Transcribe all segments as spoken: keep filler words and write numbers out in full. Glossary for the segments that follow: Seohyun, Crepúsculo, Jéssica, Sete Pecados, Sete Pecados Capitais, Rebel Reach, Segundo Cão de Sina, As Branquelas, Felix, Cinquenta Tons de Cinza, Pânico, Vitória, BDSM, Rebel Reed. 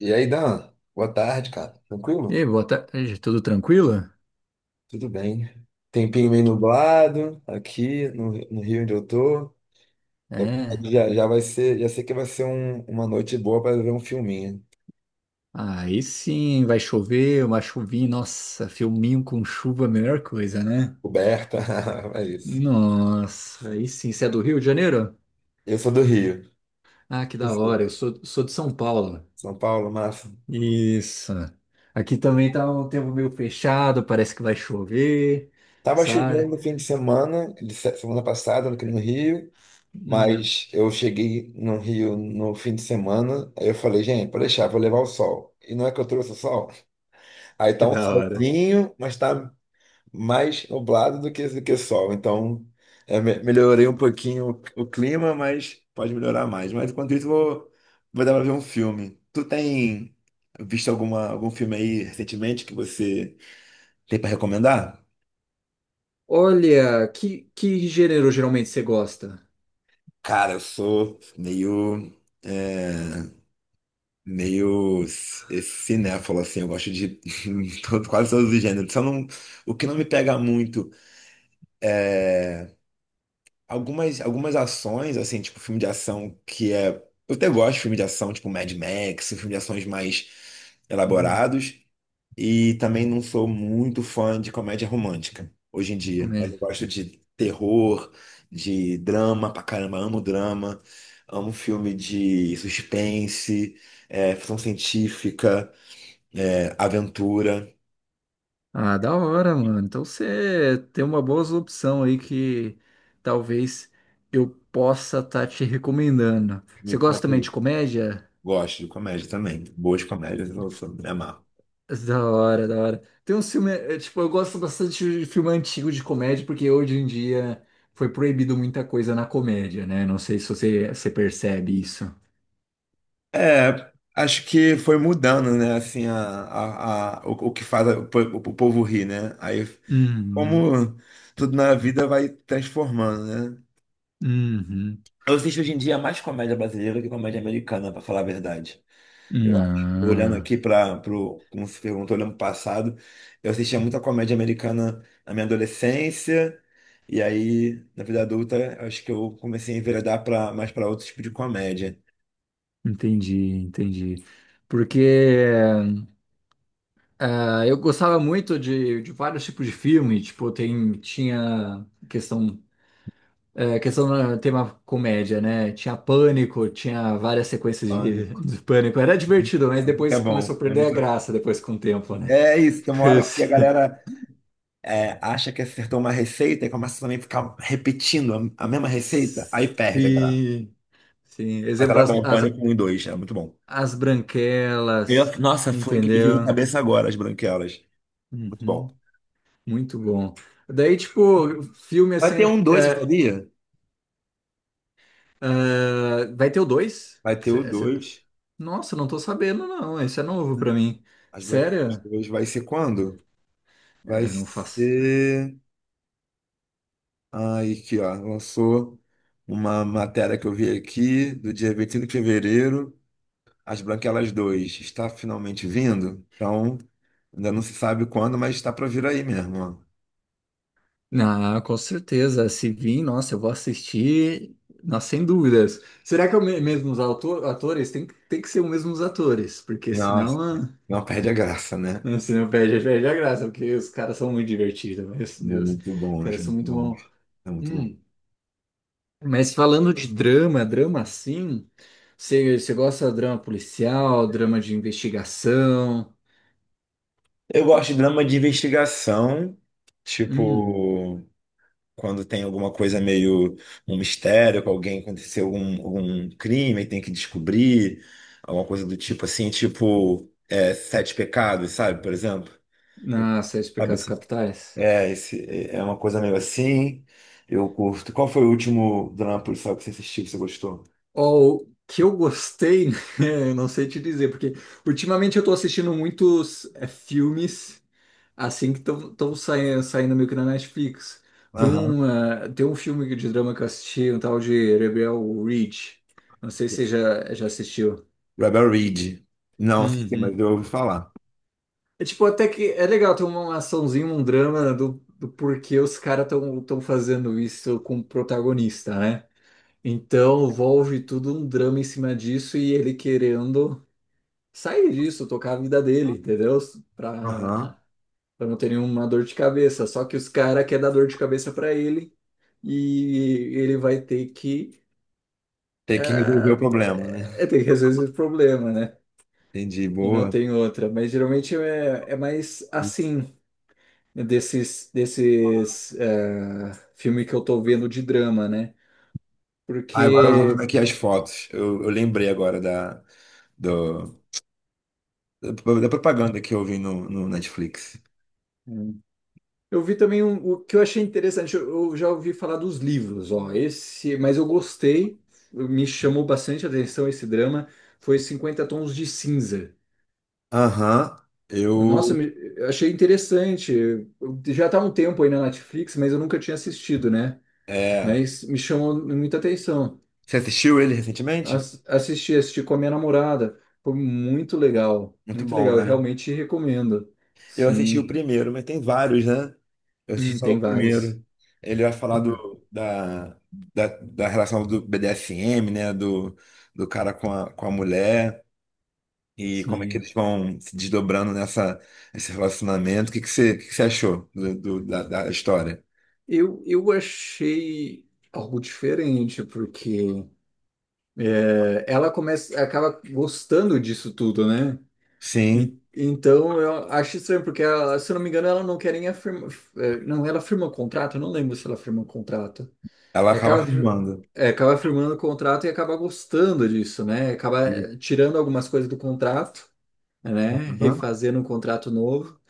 E aí, Dan? Boa tarde, cara. E Tranquilo? aí, boa tarde, tudo tranquilo? Tudo bem. Tempinho meio nublado aqui no, no Rio onde eu tô. É, Já, já vai ser, já sei que vai ser um- uma noite boa para ver um filminho. aí sim, vai chover, uma chuvinha, nossa, filminho com chuva, é a melhor coisa, né? Coberta, é isso. Nossa, aí sim, você é do Rio de Janeiro? Eu sou do Rio. Ah, que da hora, eu Você? sou, sou de São Paulo. São Paulo, massa. Isso. Aqui também tá um tempo meio fechado, parece que vai chover, Tava chovendo sabe? no fim de semana, de se- semana passada aqui no Rio, Hum, mas eu cheguei no Rio no fim de semana, aí eu falei, gente, pode deixar, vou levar o sol. E não é que eu trouxe o sol? Aí tá que um da hora. solzinho, mas tá mais nublado do que, do que sol. Então, é, me- melhorei um pouquinho o, o clima, mas pode melhorar mais. Mas enquanto isso, vou, vou dar pra ver um filme. Tu tem visto alguma, algum filme aí recentemente que você tem pra recomendar? Olha, que, que gênero geralmente você gosta? Cara, eu sou meio. é, meio c- cinéfalo, assim, eu gosto de todo- quase todos os gêneros. Só não, o que não me pega muito. Algumas, algumas ações, assim, tipo filme de ação que é. Eu até gosto de filme de ação, tipo Mad Max, filme de ações mais elaborados. E também não sou muito fã de comédia romântica hoje em dia. Mas Uhum. eu gosto de terror, de drama pra caramba, amo drama, amo filme de suspense, é, ficção científica, é, aventura. Ah, da hora, mano. Então você tem uma boa opção aí que talvez eu possa estar te recomendando. Me Você gosta também de comprei. comédia? Gosto de comédia também. Boas comédias, eu sou- me amarro. Da hora, da hora. Tem um filme, é, tipo, eu gosto bastante de filme antigo de comédia, porque hoje em dia foi proibido muita coisa na comédia, né? Não sei se você, você percebe isso. É, acho que foi mudando, né? Assim, a, a, a- o, o que faz o, po- o povo rir, né? Aí, Uhum, como tudo na vida vai transformando, né? uhum. Eu assisto hoje em dia mais comédia brasileira que comédia americana, pra falar a verdade. Eu acho. Olhando Não, aqui para pro, como se perguntou, olhando pro passado, eu assistia muita comédia americana na minha adolescência, e aí, na vida adulta, eu acho que eu comecei a enveredar pra, mais para outro tipo de comédia. entendi, entendi. Porque Ah, eu gostava muito de, de vários tipos de filme, tipo, tem, tinha questão, é, questão no tema comédia, né? Tinha Pânico, tinha várias sequências de, Pânico. de Pânico. Era divertido, mas Pânico é depois bom. começou a perder a graça depois com o tempo, né? É isso, tem uma Porque hora que a se- galera é, acha que acertou uma receita e começa também a ficar repetindo a, a mesma receita, aí perde a graça. Sim, sim. Mas Exemplo, era as, bom, as, Pânico um e dois é muito bom. as branquelas, Eu- nossa, foi que me veio na entendeu? cabeça agora, as branquelas. Muito bom. Uhum. Muito bom. Daí, tipo, filme Vai ter assim, um dois, você é, sabia? é, vai ter o dois? Vai ter o dois. Nossa, não tô sabendo, não. Isso é novo Né? pra mim. As branquelas Sério? dois. Vai ser quando? Vai Eu não faço. ser. Ai, aqui, ó, lançou uma matéria que eu vi aqui, do dia vinte e cinco de fevereiro. As Branquelas dois está finalmente vindo, então ainda não se sabe quando, mas está para vir aí mesmo. Ó. Ah, com certeza. Se vir, nossa, eu vou assistir. Nossa, sem dúvidas. Será que é o me- mesmo os auto- atores? Tem, que- tem que ser os mesmos atores, porque Nossa, senão, ah, não perde a graça, né? né, senão perde, perde a graça, porque os caras são muito divertidos, meu Deus. Muito Os bom, caras gente, são muito muito bom. bons. É muito bom. Hum, Mas falando de drama, drama assim, você você gosta de drama policial, drama de investigação? Eu gosto de drama de investigação, Hum. tipo, quando tem alguma coisa meio um mistério, que alguém aconteceu algum, algum crime e tem que descobrir, alguma coisa do tipo assim, tipo, é, Sete Pecados, sabe, por exemplo? Eu- Ah, Sete Sabe, Pecados assim, Capitais. é, esse, é é uma coisa meio assim. Eu curto. Qual foi o último drama policial que você assistiu, que você gostou? Ó, o que eu gostei, eu não sei te dizer, porque ultimamente eu tô assistindo muitos é, filmes assim que estão saindo, saindo meio que na Netflix. Tem Aham. Um, ah, tem um filme de drama que eu assisti, um tal de Rebel Reach. Não sei se você já, já assistiu. Rebel Reed. Não assisti, mas Uhum. eu ouvi falar. É tipo, até que é legal ter uma açãozinha, um drama do, do porquê os caras estão tão tão fazendo isso com o protagonista, né? Então, envolve tudo um drama em cima disso e ele querendo sair disso, tocar a vida dele, entendeu? Aham. Pra, pra não ter nenhuma dor de cabeça. Só que os caras querem dar dor de cabeça pra ele e ele vai ter que, Tem que resolver o ah, problema, né? é, ter que resolver esse problema, né? Entendi, E não boa. tem outra. Mas geralmente é, é mais assim, né, desses, desses ah, filmes que eu tô vendo de drama, né? Ah, agora eu vou vendo Porque. aqui as fotos. Eu, eu lembrei agora da, do- da, da propaganda que eu vi no, no Netflix. Eu vi também um- o que eu achei interessante, eu, eu já ouvi falar dos livros, ó, esse, mas eu gostei, me chamou bastante a atenção esse drama, foi Cinquenta Tons de Cinza. Aham. Nossa, Eu. me- eu achei interessante, eu- já tá há um tempo aí na Netflix, mas eu nunca tinha assistido, né? É. Mas me chamou muita atenção. Você assistiu ele recentemente? As- assisti, assisti com a minha namorada, foi muito legal, Muito muito bom, legal, eu né? realmente recomendo. Eu assisti o Sim. primeiro, mas tem vários, né? Eu assisti Hum, só o Tem vários. primeiro. Ele vai falar Tem, do, da, da, da relação do B D S M, né? Do, do cara com a, com a mulher e como é que sim. eles vão se desdobrando nessa, nesse relacionamento. O que que você, o que que você achou do, do- da, da história? Eu, eu achei algo diferente, porque é, ela começa, acaba gostando disso tudo, né? Sim, E- então eu acho estranho, porque ela, se eu não me engano, ela não quer nem afirmar. é, Não, ela firma o contrato, eu não lembro se ela firma o contrato. ela E acaba Acaba, fir- firmando. é, acaba firmando o contrato e acaba gostando disso, né? Acaba E- eh, tirando algumas coisas do contrato, né? Uhum. Refazendo um contrato novo.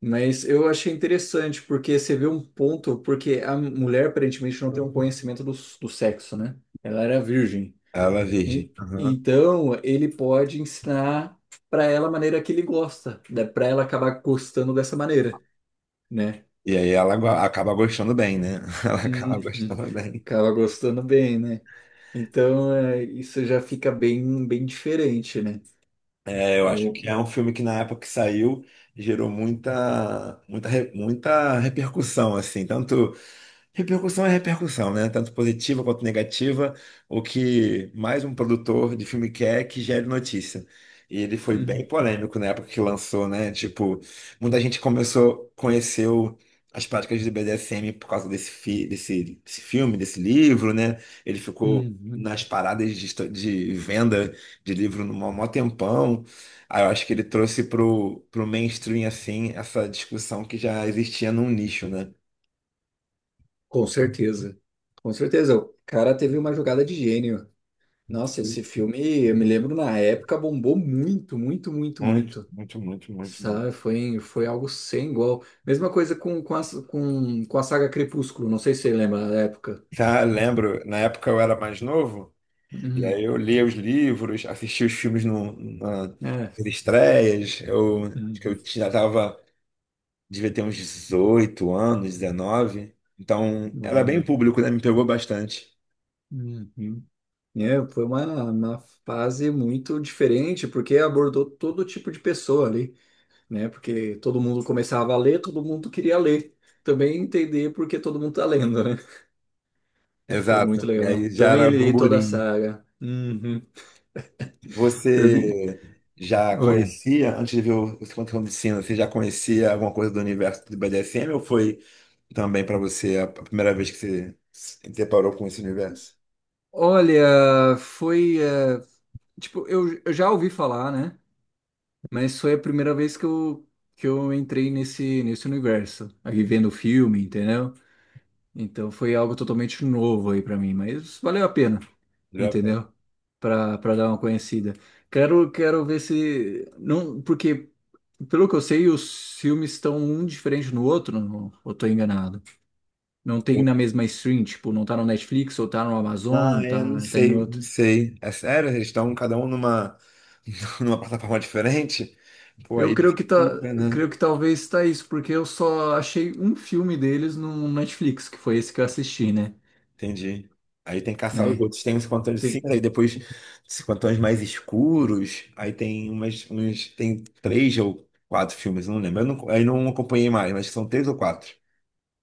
Mas eu achei interessante, porque você vê um ponto, porque a mulher aparentemente não tem um conhecimento do, do sexo, né? Ela era virgem. Ela é virgem. E, Uhum. então, ele pode ensinar para ela a maneira que ele gosta, né? Para ela acabar gostando dessa maneira, né? E aí ela go- acaba gostando bem, né? Ela acaba Uhum. gostando bem. Acaba gostando bem, né? Então, é, isso já fica bem, bem diferente, né? É, eu acho Ao- que é um filme que na época que saiu gerou muita, muita, re- muita repercussão, assim, tanto repercussão é repercussão, né? Tanto positiva quanto negativa. O que mais um produtor de filme quer é que gere notícia. E ele foi bem Uhum. polêmico na época que lançou, né? Tipo, muita gente começou, conheceu as práticas do B D S M por causa desse, fi- desse, desse filme, desse livro, né? Ele ficou Uhum. nas paradas de, esto- de venda de livro no maior maior tempão. Aí eu acho que ele trouxe pro, pro mainstream, assim, essa discussão que já existia num nicho, né? Com certeza. Com certeza. O cara teve uma jogada de gênio. Nossa, esse filme, eu me lembro na época, bombou muito, muito, muito, Muito, muito. muito, muito, muito, muito. Sabe? Foi, foi algo sem igual. Mesma coisa com, com, a, com, com a saga Crepúsculo, não sei se você lembra da época. Já lembro, na época eu era mais novo, e aí Uhum. eu lia os livros, assistia os filmes no, na, nas É. estreias, eu, acho que Uhum. eu já tava, devia ter uns dezoito anos, dezenove, então era bem Uhum. público, né? Me pegou bastante. Uhum. É, foi uma, uma fase muito diferente, porque abordou todo tipo de pessoa ali, né? Porque todo mundo começava a ler, todo mundo queria ler. Também entender porque todo mundo tá lendo, né? E foi muito Exato, e legal. aí já Também era li toda a burburinho. saga. Uhum. Eu li- Você já Oi. conhecia, antes de ver o o Segundo Cão de Sina, você já conhecia alguma coisa do universo do B D S M ou foi também para você a a primeira vez que você se deparou com esse universo? Olha, foi. Eh, tipo, eu, eu já ouvi falar, né? Mas foi a primeira vez que eu, que eu entrei nesse, nesse universo. Aqui vendo o filme, entendeu? Então foi algo totalmente novo aí pra mim, mas valeu a pena, Valeu a pena. entendeu? Pra, pra dar uma conhecida. Quero, quero ver se. Não, porque, pelo que eu sei, os filmes estão um diferente no outro, não, eu tô enganado. Não tem Eu- na mesma stream, tipo, não tá no Netflix, ou tá no Ah, Amazon, é, não tá, tá em sei, não outro. sei. É sério, eles estão cada um numa, numa plataforma diferente? Pô, Eu aí creio que tá, dificulta, né? creio que talvez está isso, porque eu só achei um filme deles no Netflix, que foi esse que eu assisti, né? Entendi. Aí tem que caçar os Né? outros. Tem uns cantões de cinza, Tem... aí depois esses cantões mais escuros. Aí tem umas, uns, tem três ou quatro filmes, eu não lembro. Eu não, aí não acompanhei mais, mas são três ou quatro.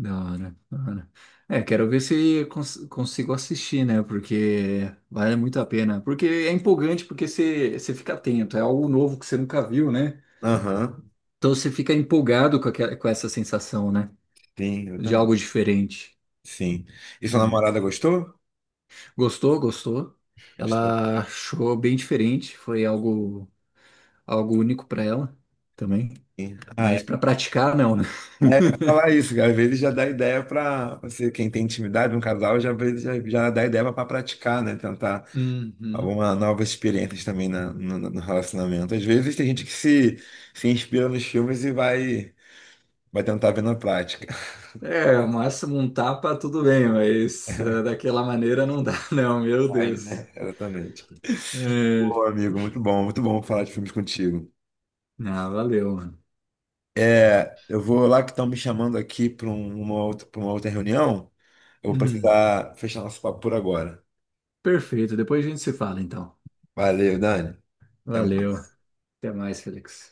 Da hora, da hora. É, quero ver se eu cons- consigo assistir, né? Porque vale muito a pena. Porque é empolgante, porque você você fica atento, é algo novo que você nunca viu, né? Aham, Então você fica empolgado com aquela, com essa sensação, né? sim, eu De também. algo diferente, Sim. E sua né? namorada gostou? Gostou, gostou. Ela achou bem diferente, foi algo algo único para ela também, Ah, mas é para praticar, não, né? pra falar isso, cara. Às vezes já dá ideia para você, quem tem intimidade, um casal, já, às vezes já, já dá ideia para praticar, né? Tentar Uhum. alguma nova experiência também na- no, no relacionamento. Às vezes tem gente que se, se inspira nos filmes e vai, vai tentar ver na prática. É, o máximo um tapa, tudo bem, mas eh, daquela maneira não dá, não, meu Vai, Deus. né? Exatamente. Pô, É. amigo, muito bom, muito bom falar de filmes contigo. Ah, valeu, mano. É, eu vou lá que estão me chamando aqui para uma outra, para uma outra reunião. Eu vou Hum, precisar fechar nosso papo por agora. Perfeito, depois a gente se fala, então. Valeu, Dani. Até Valeu. mais. Até mais, Felix.